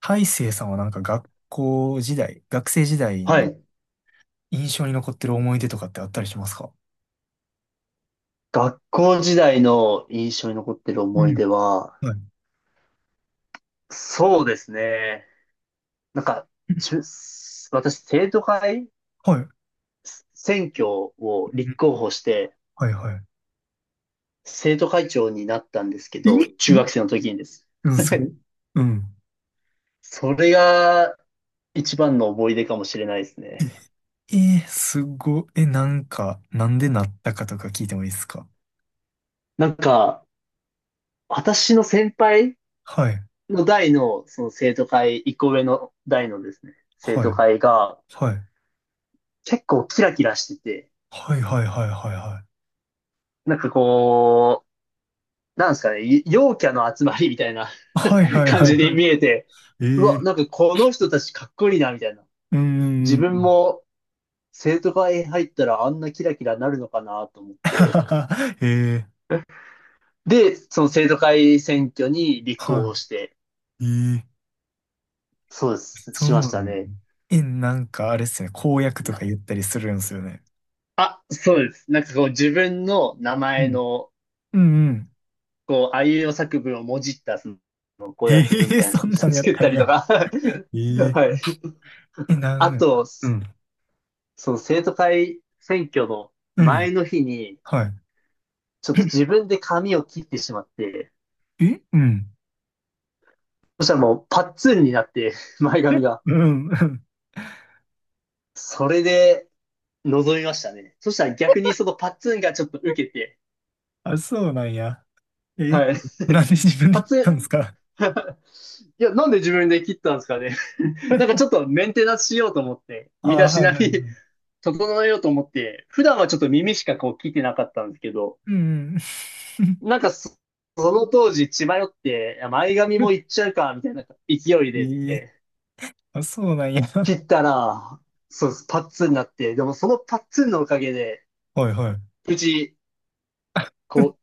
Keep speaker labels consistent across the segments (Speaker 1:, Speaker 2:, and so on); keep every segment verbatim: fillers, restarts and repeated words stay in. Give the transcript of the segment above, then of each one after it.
Speaker 1: 大成さんはなんか学校時代、学生時代
Speaker 2: は
Speaker 1: の
Speaker 2: い。
Speaker 1: 印象に残ってる思い出とかってあったりしますか？
Speaker 2: 学校時代の印象に残ってる
Speaker 1: う
Speaker 2: 思い
Speaker 1: ん。
Speaker 2: 出は、
Speaker 1: はい。
Speaker 2: そうですね。なんか、じゅ私、生徒会
Speaker 1: はい。
Speaker 2: 選挙を
Speaker 1: う
Speaker 2: 立
Speaker 1: ん。
Speaker 2: 候補して、
Speaker 1: はいは
Speaker 2: 生徒会長になったんですけ
Speaker 1: い。
Speaker 2: ど、
Speaker 1: え、
Speaker 2: 中
Speaker 1: うん
Speaker 2: 学生の時にです。
Speaker 1: うん、すごい。うん。
Speaker 2: それが一番の思い出かもしれないですね。
Speaker 1: え、えーすごい。え、なんか、なんでなったかとか聞いてもいいですか？
Speaker 2: なんか、私の先輩
Speaker 1: はい。
Speaker 2: の代の、その生徒会、一個上の代のですね、生
Speaker 1: は
Speaker 2: 徒
Speaker 1: い。
Speaker 2: 会が
Speaker 1: はい。
Speaker 2: 結構キラキラしてて、
Speaker 1: はいはいはいはいはい。
Speaker 2: なんかこう、なんですかね、陽キャの集まりみたいな
Speaker 1: はい はい
Speaker 2: 感
Speaker 1: は
Speaker 2: じ
Speaker 1: い
Speaker 2: に
Speaker 1: はい。
Speaker 2: 見えて、
Speaker 1: え
Speaker 2: うわ、
Speaker 1: ー、
Speaker 2: なんかこの人たちかっこいいな、みたいな。
Speaker 1: うんう
Speaker 2: 自
Speaker 1: んう
Speaker 2: 分
Speaker 1: ん。
Speaker 2: も生徒会入ったらあんなキラキラなるのかなと思って。
Speaker 1: えー、
Speaker 2: で、その生徒会選挙に立候
Speaker 1: は
Speaker 2: 補して、
Speaker 1: い。えー、
Speaker 2: そうです、
Speaker 1: そう
Speaker 2: し
Speaker 1: な
Speaker 2: ました
Speaker 1: のよね。
Speaker 2: ね。
Speaker 1: え、なんかあれっすよね。公約とか言ったりするんですよね。
Speaker 2: あ、そうです。なんかこう自分の名
Speaker 1: う
Speaker 2: 前
Speaker 1: ん。
Speaker 2: の、
Speaker 1: うんうん。
Speaker 2: こう、あいうえお作文をもじった、その、公
Speaker 1: ええ
Speaker 2: 約文み
Speaker 1: ー、
Speaker 2: たいなの
Speaker 1: そんな のやっ
Speaker 2: 作っ
Speaker 1: た
Speaker 2: た
Speaker 1: ん
Speaker 2: り
Speaker 1: や。
Speaker 2: とか
Speaker 1: え、え、
Speaker 2: はい。
Speaker 1: え、な
Speaker 2: あ
Speaker 1: ん、
Speaker 2: と、
Speaker 1: うん。
Speaker 2: その生徒会選挙の
Speaker 1: うん。
Speaker 2: 前の日に、
Speaker 1: は
Speaker 2: ちょっと自分で髪を切ってしまって、
Speaker 1: い。え、うん。
Speaker 2: そしたらもうパッツンになって、前髪
Speaker 1: え、
Speaker 2: が。
Speaker 1: うんうん。
Speaker 2: それで、臨みましたね。そしたら逆にそのパッツンがちょっと受けて、
Speaker 1: あ、そうなんや。え、
Speaker 2: はい。
Speaker 1: なんで 自分で
Speaker 2: パッ
Speaker 1: 聞っ
Speaker 2: ツ
Speaker 1: たんですか？
Speaker 2: ン、いや、なんで自分で切ったんですかね。なんかちょっ とメンテナンスしようと思って、身
Speaker 1: あ
Speaker 2: だ
Speaker 1: あ、
Speaker 2: し
Speaker 1: は
Speaker 2: な
Speaker 1: い
Speaker 2: み
Speaker 1: はい。うん。
Speaker 2: 整えようと思って、普段はちょっと耳しかこう聞いてなかったんですけど、
Speaker 1: うん。
Speaker 2: なんかそ、その当時、血迷って、いや前髪もいっちゃうか、みたいな勢い で、
Speaker 1: ええ、あ、そうなんや。
Speaker 2: 切ったら、そうです、パッツンになって、でもそのパッツンのおかげで、
Speaker 1: はいはい。
Speaker 2: 無事、こ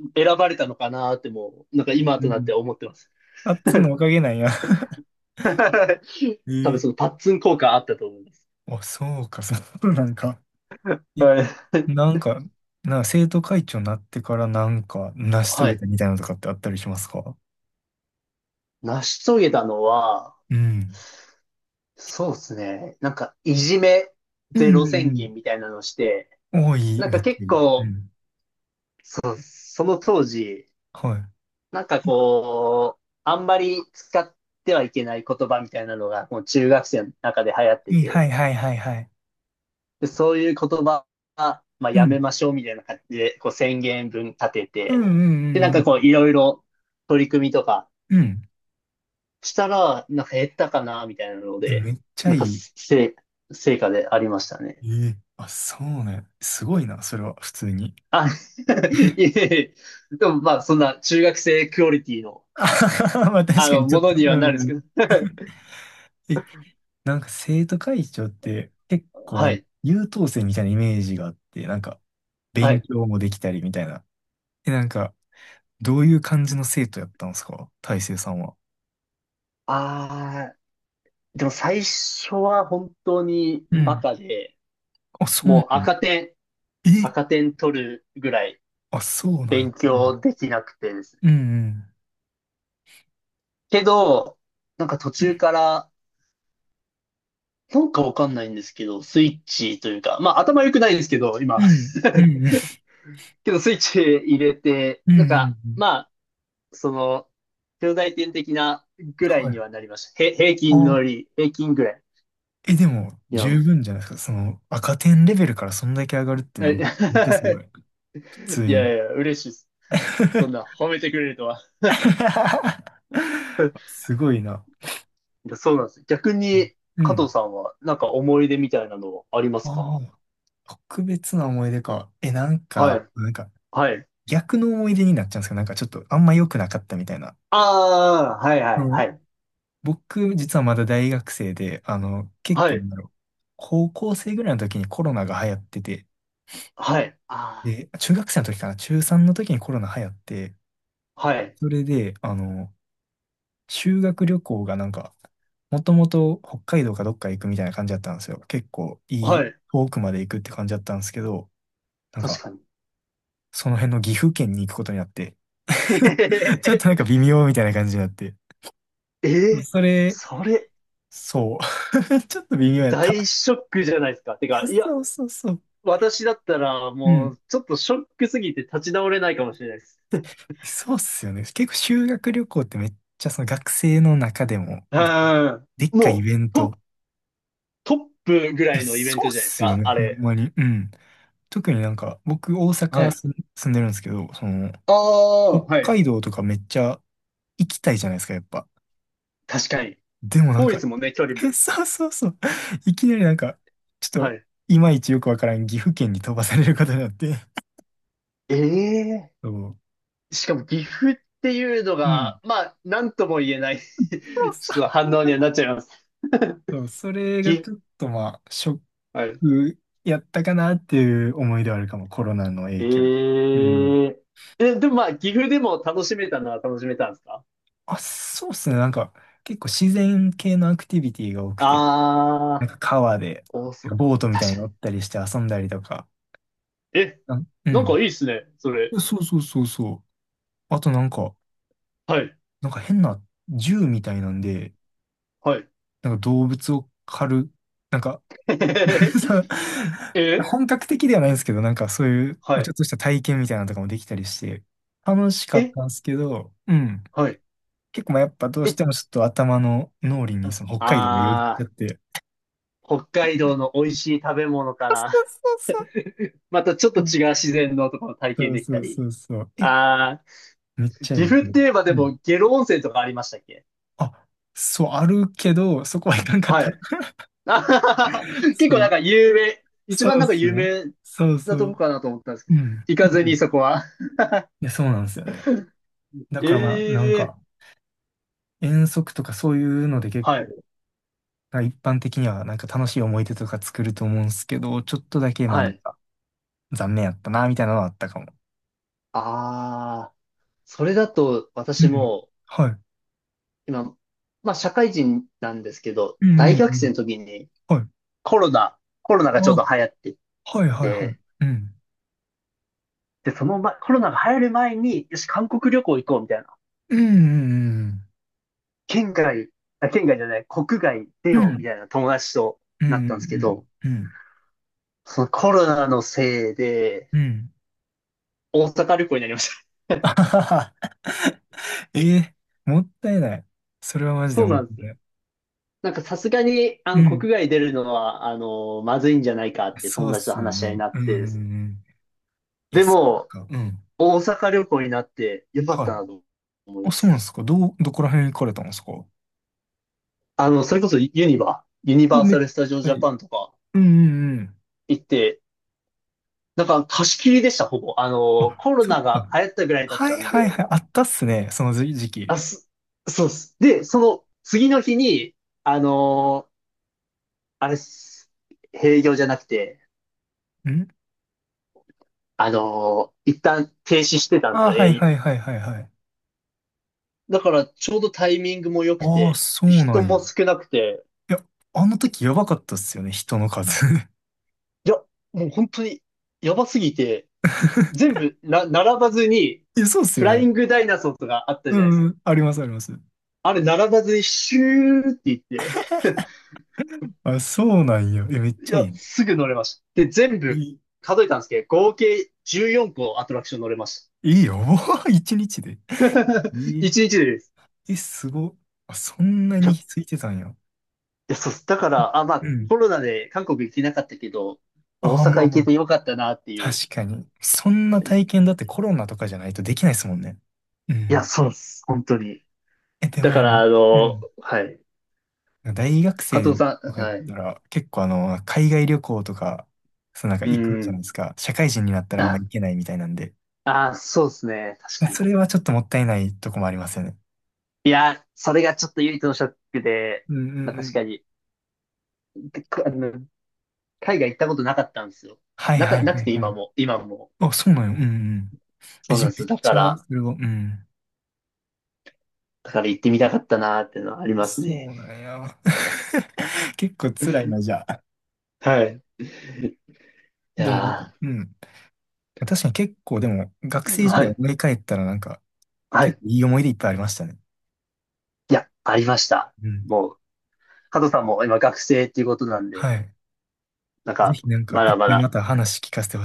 Speaker 2: う、選ばれたのかなってもう、なんか今
Speaker 1: う
Speaker 2: となっ
Speaker 1: ん。
Speaker 2: て思ってます。
Speaker 1: あっつんのおかげなんや。
Speaker 2: 多分
Speaker 1: え
Speaker 2: その
Speaker 1: え、
Speaker 2: パッツン効果あったと思います。
Speaker 1: あ、そうか、そうなんか。え、
Speaker 2: はい。
Speaker 1: なんか、なんか生徒会長になってからなんか成し遂
Speaker 2: は
Speaker 1: げ
Speaker 2: い。
Speaker 1: たみたいなのとかってあったりしますか？
Speaker 2: 成し遂げたのは、
Speaker 1: うん。
Speaker 2: そうですね。なんか、いじめ
Speaker 1: う
Speaker 2: ゼ
Speaker 1: ん
Speaker 2: ロ宣
Speaker 1: う
Speaker 2: 言
Speaker 1: ん
Speaker 2: みたいなのをして、
Speaker 1: うん。おー、いい、
Speaker 2: なん
Speaker 1: め
Speaker 2: か
Speaker 1: っち
Speaker 2: 結
Speaker 1: ゃいい。う
Speaker 2: 構、
Speaker 1: ん。
Speaker 2: そう、その当時、
Speaker 1: は
Speaker 2: なんかこう、あんまり使ってはいけない言葉みたいなのが、もう中学生の中で流行って
Speaker 1: い、いい、は
Speaker 2: て、
Speaker 1: いはいはいはい。
Speaker 2: で、そういう言葉は、まあ、
Speaker 1: う
Speaker 2: やめ
Speaker 1: ん。
Speaker 2: ましょうみたいな感じで、こう宣言文立て
Speaker 1: うんう
Speaker 2: て、で、な
Speaker 1: ん
Speaker 2: ん
Speaker 1: う
Speaker 2: かこう、
Speaker 1: ん。
Speaker 2: いろいろ取り組みとか
Speaker 1: うん。うん。
Speaker 2: したら、なんか減ったかな、みたいなの
Speaker 1: え、め
Speaker 2: で、
Speaker 1: っちゃ
Speaker 2: なん
Speaker 1: い
Speaker 2: か
Speaker 1: い。
Speaker 2: せ、成果でありました
Speaker 1: え
Speaker 2: ね。
Speaker 1: ー、あ、そうね。すごいな、それは、普通に。
Speaker 2: あ、いえ いえ、でもまあ、そんな中学生クオリティの、
Speaker 1: あはは、まあ
Speaker 2: あ
Speaker 1: 確かに
Speaker 2: の、
Speaker 1: ちょ
Speaker 2: も
Speaker 1: っと。
Speaker 2: のに
Speaker 1: う
Speaker 2: はなる
Speaker 1: ん
Speaker 2: んで
Speaker 1: う
Speaker 2: すけ
Speaker 1: ん。
Speaker 2: ど。
Speaker 1: え、なんか生徒会長って結構
Speaker 2: は
Speaker 1: あの
Speaker 2: い、
Speaker 1: 優等生みたいなイメージがあって、なんか
Speaker 2: は
Speaker 1: 勉
Speaker 2: い。
Speaker 1: 強もできたりみたいな。え、なんかどういう感じの生徒やったんですか大成さんは？
Speaker 2: ああ、でも最初は本当に
Speaker 1: う
Speaker 2: バ
Speaker 1: ん。
Speaker 2: カで、
Speaker 1: あ、そうなん
Speaker 2: もう赤点、
Speaker 1: や。え、
Speaker 2: 赤点取るぐらい
Speaker 1: あ、そうなんや。
Speaker 2: 勉
Speaker 1: うん
Speaker 2: 強できなくてですね。けど、なんか途中から、なんかわかんないんですけど、スイッチというか、まあ頭良くないんですけど、今。
Speaker 1: う ん。うん。うん。うん。うん。
Speaker 2: けどスイッチ入れて、
Speaker 1: う
Speaker 2: なん
Speaker 1: ん
Speaker 2: か、
Speaker 1: う
Speaker 2: ま
Speaker 1: ん。
Speaker 2: あ、その、兄弟点的なぐらい
Speaker 1: はい。
Speaker 2: にはなりました。へ、平均
Speaker 1: あ、
Speaker 2: のり、平均ぐらい。
Speaker 1: え、でも、
Speaker 2: いや、
Speaker 1: 十
Speaker 2: も
Speaker 1: 分じゃないですか。その、赤点レベルからそんだけ上がるって
Speaker 2: う
Speaker 1: な
Speaker 2: え
Speaker 1: んか、めっちゃす ごい。普通
Speaker 2: い
Speaker 1: に。
Speaker 2: やいや、嬉しいです。そん な褒めてくれるとは。
Speaker 1: すごいな。
Speaker 2: いや、そうなんです。逆に、
Speaker 1: う
Speaker 2: 加
Speaker 1: ん。
Speaker 2: 藤さんは、なんか思い出みたいなのありますか？
Speaker 1: ああ、特別な思い出か。え、なん
Speaker 2: は
Speaker 1: か、
Speaker 2: い。
Speaker 1: なんか、
Speaker 2: はい。
Speaker 1: 逆の思い出になっちゃうんですか？なんかちょっとあんま良くなかったみたいな。
Speaker 2: ああ、はいはいはい。
Speaker 1: 僕、実はまだ大学生で、あの、結
Speaker 2: は
Speaker 1: 構な
Speaker 2: い。
Speaker 1: んだろう。高校生ぐらいの時にコロナが流行ってて、
Speaker 2: はい。あ
Speaker 1: で、中学生の時かな、中ちゅうさんの時にコロナ流行って、
Speaker 2: あはい。
Speaker 1: それで、あの、修学旅行がなんか、もともと北海道かどっか行くみたいな感じだったんですよ。結構い
Speaker 2: は
Speaker 1: い、
Speaker 2: い。
Speaker 1: 遠くまで行くって感じだったんですけど、なん
Speaker 2: 確
Speaker 1: か、
Speaker 2: かに。
Speaker 1: その辺の岐阜県に行くことになって、
Speaker 2: えへ へ
Speaker 1: ちょっとなんか
Speaker 2: へ
Speaker 1: 微妙みたいな感じになって、
Speaker 2: えー
Speaker 1: それ、
Speaker 2: それ、
Speaker 1: そう。ちょっと微妙やっ
Speaker 2: 大
Speaker 1: た。
Speaker 2: ショックじゃないですか。て
Speaker 1: いや、
Speaker 2: か、いや、
Speaker 1: そうそうそう。
Speaker 2: 私だったら、
Speaker 1: う
Speaker 2: も
Speaker 1: ん。
Speaker 2: う、ちょっとショックすぎて立ち直れないかもしれないです。
Speaker 1: そうっすよね。結構修学旅行ってめっちゃその学生の中でもで、でっ
Speaker 2: うん。
Speaker 1: かいイ
Speaker 2: もう
Speaker 1: ベント。
Speaker 2: ト、トップぐ
Speaker 1: い
Speaker 2: ら
Speaker 1: や、
Speaker 2: いのイベン
Speaker 1: そうっ
Speaker 2: トじゃないです
Speaker 1: すよ
Speaker 2: か、
Speaker 1: ね、
Speaker 2: あ
Speaker 1: ほん
Speaker 2: れ。
Speaker 1: まに。うん。特になんか僕大
Speaker 2: は
Speaker 1: 阪
Speaker 2: い。
Speaker 1: す住んでるんですけど、その
Speaker 2: ああ、
Speaker 1: 北
Speaker 2: はい。
Speaker 1: 海道とかめっちゃ行きたいじゃないですか、やっぱ。
Speaker 2: 確かに。
Speaker 1: でもなん
Speaker 2: 当
Speaker 1: か、
Speaker 2: 日もね、距離もね。
Speaker 1: え、そうそうそう。いきなりなんか、ちょっ
Speaker 2: は
Speaker 1: と
Speaker 2: い。
Speaker 1: いまいちよくわからん岐阜県に飛ばされることになって。
Speaker 2: ええ
Speaker 1: そう。
Speaker 2: ーしかも岐阜っていうの
Speaker 1: うん。
Speaker 2: が、まあ、なんとも言えない ちょっと
Speaker 1: ほ
Speaker 2: 反
Speaker 1: ん
Speaker 2: 応
Speaker 1: ま
Speaker 2: に
Speaker 1: に
Speaker 2: はなっちゃいます。
Speaker 1: そう、それが
Speaker 2: 岐、
Speaker 1: ちょっとまあ、ショッ
Speaker 2: はい。
Speaker 1: くやったかなっていう思い出はあるかも、コロナの
Speaker 2: え
Speaker 1: 影響で。うん。
Speaker 2: ええ、でもまあ、岐阜でも楽しめたのは楽しめたんですか？
Speaker 1: あ、そうっすね。なんか、結構自然系のアクティビティが多くて、な
Speaker 2: あ
Speaker 1: ん
Speaker 2: あ
Speaker 1: か川で、
Speaker 2: ー、お
Speaker 1: な
Speaker 2: そ、
Speaker 1: んかボートみたい
Speaker 2: 確
Speaker 1: に
Speaker 2: か
Speaker 1: 乗ったりして遊んだりとか。
Speaker 2: に。え、
Speaker 1: あ、う
Speaker 2: なんか
Speaker 1: ん。
Speaker 2: いいっすね、それ。
Speaker 1: そうそうそうそう。あとなんか、
Speaker 2: はい、
Speaker 1: なんか変な銃みたいなんで、
Speaker 2: はい。
Speaker 1: なんか動物を狩る、なんか、 そ う、
Speaker 2: え、
Speaker 1: 本格的ではないんですけど、なんかそういう、ま
Speaker 2: は
Speaker 1: あちょ
Speaker 2: い。
Speaker 1: っとした体験みたいなのとかもできたりして、楽しか
Speaker 2: え、
Speaker 1: ったんですけど、うん。
Speaker 2: はい。
Speaker 1: 結構まあやっぱどうし
Speaker 2: え、
Speaker 1: てもちょっと頭の脳裏にその北海道がよぎっちゃ
Speaker 2: ああ
Speaker 1: って。
Speaker 2: ー、北海道の美味しい食べ物か
Speaker 1: あ、そ
Speaker 2: ら、
Speaker 1: うそうそ
Speaker 2: またちょっと
Speaker 1: う。うん。
Speaker 2: 違う自然のところを体
Speaker 1: そ
Speaker 2: 験
Speaker 1: う
Speaker 2: でき
Speaker 1: そ
Speaker 2: た
Speaker 1: うそ
Speaker 2: り。
Speaker 1: うそう。え、
Speaker 2: ああ、
Speaker 1: めっちゃ
Speaker 2: 岐
Speaker 1: いい
Speaker 2: 阜っ
Speaker 1: け
Speaker 2: て
Speaker 1: ど。
Speaker 2: 言えばで
Speaker 1: うん、
Speaker 2: も、下呂温泉とかありましたっけ？
Speaker 1: あ、そう、あるけど、そこはいかんかっ
Speaker 2: は
Speaker 1: た。
Speaker 2: い。あははは結
Speaker 1: そ
Speaker 2: 構なん
Speaker 1: う。
Speaker 2: か有名、一
Speaker 1: そ
Speaker 2: 番
Speaker 1: うっ
Speaker 2: なんか
Speaker 1: す
Speaker 2: 有
Speaker 1: ね。
Speaker 2: 名
Speaker 1: そうそ
Speaker 2: なとこ
Speaker 1: う。
Speaker 2: かなと思ったんですけ
Speaker 1: う
Speaker 2: ど、
Speaker 1: ん。
Speaker 2: 行か
Speaker 1: う
Speaker 2: ず
Speaker 1: ん。
Speaker 2: に
Speaker 1: い
Speaker 2: そこは。
Speaker 1: や、そうなんですよね。だからまあ、なん
Speaker 2: ええ
Speaker 1: か、遠足とかそういうので結
Speaker 2: は
Speaker 1: 構、
Speaker 2: い、
Speaker 1: まあ一般的にはなんか楽しい思い出とか作ると思うんですけど、ちょっとだけまあ
Speaker 2: は
Speaker 1: なん
Speaker 2: い。
Speaker 1: か、残念やったな、みたいなのはあったかも。
Speaker 2: ああ、それだと
Speaker 1: う
Speaker 2: 私
Speaker 1: ん。
Speaker 2: も、
Speaker 1: はい。
Speaker 2: 今、まあ社会人なんですけど、
Speaker 1: うんう
Speaker 2: 大
Speaker 1: んう
Speaker 2: 学生
Speaker 1: ん。
Speaker 2: の時に
Speaker 1: はい。
Speaker 2: コロナ、コロナ
Speaker 1: あ、
Speaker 2: がちょうど流行っていっ
Speaker 1: はいはいはい。
Speaker 2: て、
Speaker 1: うん。
Speaker 2: で、その前、コロナが流行る前に、よし、韓国旅行行こうみたいな
Speaker 1: うん。
Speaker 2: 県外、あ、県外じゃない、国外出
Speaker 1: うん。う
Speaker 2: ようみ
Speaker 1: ん。
Speaker 2: たいな友達と
Speaker 1: う
Speaker 2: なったんですけ
Speaker 1: ん。
Speaker 2: ど、
Speaker 1: うん。
Speaker 2: そのコロナのせいで、
Speaker 1: うん。
Speaker 2: 大阪旅行になりました。
Speaker 1: あ はは、え、 え、もったいない。それはマジで
Speaker 2: そう
Speaker 1: もっ
Speaker 2: なんで
Speaker 1: たい
Speaker 2: すよ。
Speaker 1: ない。
Speaker 2: なんかさすがに、あ
Speaker 1: う
Speaker 2: の、
Speaker 1: ん。
Speaker 2: 国外出るのは、あの、まずいんじゃないかって
Speaker 1: そ
Speaker 2: 友
Speaker 1: うっ
Speaker 2: 達と
Speaker 1: すよ
Speaker 2: 話し合いに
Speaker 1: ね。
Speaker 2: なっ
Speaker 1: う
Speaker 2: て、
Speaker 1: ん。いや、
Speaker 2: で
Speaker 1: そっ
Speaker 2: も、
Speaker 1: か。うん。
Speaker 2: 大阪旅行になってよかっ
Speaker 1: はい。
Speaker 2: たなと思い
Speaker 1: あ、
Speaker 2: ま
Speaker 1: そうな
Speaker 2: す。
Speaker 1: んですか。どう、どこら辺行かれたんですか？
Speaker 2: あの、それこそユニバ、ユニ
Speaker 1: も
Speaker 2: バ
Speaker 1: う
Speaker 2: ー
Speaker 1: めっ
Speaker 2: サ
Speaker 1: ち
Speaker 2: ル・スタジオ・
Speaker 1: ゃ
Speaker 2: ジ
Speaker 1: い
Speaker 2: ャ
Speaker 1: い。
Speaker 2: パンとか
Speaker 1: うんうんうん。
Speaker 2: 行って、なんか貸し切りでした、ほぼ。あの、
Speaker 1: あ、
Speaker 2: コロ
Speaker 1: そっ
Speaker 2: ナが
Speaker 1: か。
Speaker 2: 流行ったぐらいだっ
Speaker 1: は
Speaker 2: た
Speaker 1: い
Speaker 2: ん
Speaker 1: はい
Speaker 2: で、
Speaker 1: はい。あったっすね。その時時期。
Speaker 2: あ、す、そうっす。で、その次の日に、あのーあれっす、営業じゃなくて、
Speaker 1: ん、
Speaker 2: あのー一旦停止してたんです
Speaker 1: あ、
Speaker 2: よ、
Speaker 1: はい
Speaker 2: 営業
Speaker 1: はいはいはいはい。
Speaker 2: だからちょうどタイミングも良く
Speaker 1: ああ、
Speaker 2: て、
Speaker 1: そうな
Speaker 2: 人
Speaker 1: んや。
Speaker 2: も少なくて、
Speaker 1: いや、あの時やばかったっすよね、人の数。
Speaker 2: いや、もう本当にやばすぎて、全 部な、並ばずに、
Speaker 1: いや、そうっす
Speaker 2: フ
Speaker 1: よ
Speaker 2: ライ
Speaker 1: ね。
Speaker 2: ングダイナソーとかあった
Speaker 1: う
Speaker 2: じゃないです
Speaker 1: ん
Speaker 2: か。
Speaker 1: うん、ありますあります。
Speaker 2: あれ並ばずにシューって言って、
Speaker 1: あ、そうなんや。え、めっ
Speaker 2: い
Speaker 1: ちゃい
Speaker 2: や、
Speaker 1: い。
Speaker 2: すぐ乗れました。で、全
Speaker 1: い
Speaker 2: 部
Speaker 1: い、
Speaker 2: 数えたんですけど、合計じゅうよんこアトラクション乗れました。
Speaker 1: いいよ。一日で。いい。
Speaker 2: 一日でです。
Speaker 1: え、すご。あ、そんな
Speaker 2: いや、
Speaker 1: に
Speaker 2: い
Speaker 1: ついてたんや。
Speaker 2: や、そうっす。だか
Speaker 1: え、
Speaker 2: ら、あ、ま
Speaker 1: う
Speaker 2: あ、
Speaker 1: ん。
Speaker 2: コロナで韓国行けなかったけど、大
Speaker 1: ああ、ま
Speaker 2: 阪
Speaker 1: あ
Speaker 2: 行
Speaker 1: まあ。
Speaker 2: けてよかったなっていう。
Speaker 1: 確かに。そんな体験だってコロナとかじゃないとできないですもんね。う
Speaker 2: いや、
Speaker 1: ん。
Speaker 2: そうっす。本当に。
Speaker 1: え、で
Speaker 2: だから、
Speaker 1: も、
Speaker 2: あ
Speaker 1: う
Speaker 2: の、
Speaker 1: ん。
Speaker 2: はい。
Speaker 1: 大学
Speaker 2: 加藤
Speaker 1: 生
Speaker 2: さん、
Speaker 1: とかやっ
Speaker 2: はい。
Speaker 1: たら、結構あの、海外旅行とか、そうなんか
Speaker 2: う
Speaker 1: 行くじゃない
Speaker 2: ん。
Speaker 1: ですか。社会人になったらあんま
Speaker 2: あ、
Speaker 1: 行けないみたいなんで。
Speaker 2: あ、そうですね。確かに。
Speaker 1: それはちょっともったいないとこもありますよね。
Speaker 2: それがちょっと唯一のショックで、
Speaker 1: うんう
Speaker 2: まあ
Speaker 1: んう
Speaker 2: 確
Speaker 1: ん。
Speaker 2: かに、でこあの、海外行ったことなかったんですよ。
Speaker 1: はい
Speaker 2: な
Speaker 1: は
Speaker 2: か、
Speaker 1: い
Speaker 2: なく
Speaker 1: はい
Speaker 2: て
Speaker 1: は
Speaker 2: 今
Speaker 1: い。
Speaker 2: も、今も。
Speaker 1: あ、そうなんよ。うんうん。え、
Speaker 2: そう
Speaker 1: じ
Speaker 2: な
Speaker 1: ゃ
Speaker 2: ん
Speaker 1: あ
Speaker 2: です
Speaker 1: め
Speaker 2: よ。
Speaker 1: っ
Speaker 2: だか
Speaker 1: ちゃ、
Speaker 2: ら、
Speaker 1: それは、うん。
Speaker 2: だから行ってみたかったなーっていうのはあります
Speaker 1: そ
Speaker 2: ね。
Speaker 1: うなんや。結構辛いな、じゃあ。
Speaker 2: はい。い
Speaker 1: でも、
Speaker 2: や
Speaker 1: うん。確かに結構、でも、学
Speaker 2: ー、
Speaker 1: 生時
Speaker 2: は
Speaker 1: 代
Speaker 2: い。
Speaker 1: 思い返ったらなんか、
Speaker 2: は
Speaker 1: 結
Speaker 2: い。
Speaker 1: 構いい思い出いっぱいありましたね。
Speaker 2: いや、ありました。
Speaker 1: うん。
Speaker 2: もう、加藤さんも今学生っていうことなん
Speaker 1: は
Speaker 2: で、
Speaker 1: い。
Speaker 2: なん
Speaker 1: ぜ
Speaker 2: か、
Speaker 1: ひなんか、
Speaker 2: ま
Speaker 1: い
Speaker 2: だ
Speaker 1: っ
Speaker 2: ま
Speaker 1: ぱいま
Speaker 2: だ
Speaker 1: た話聞かせてほしい。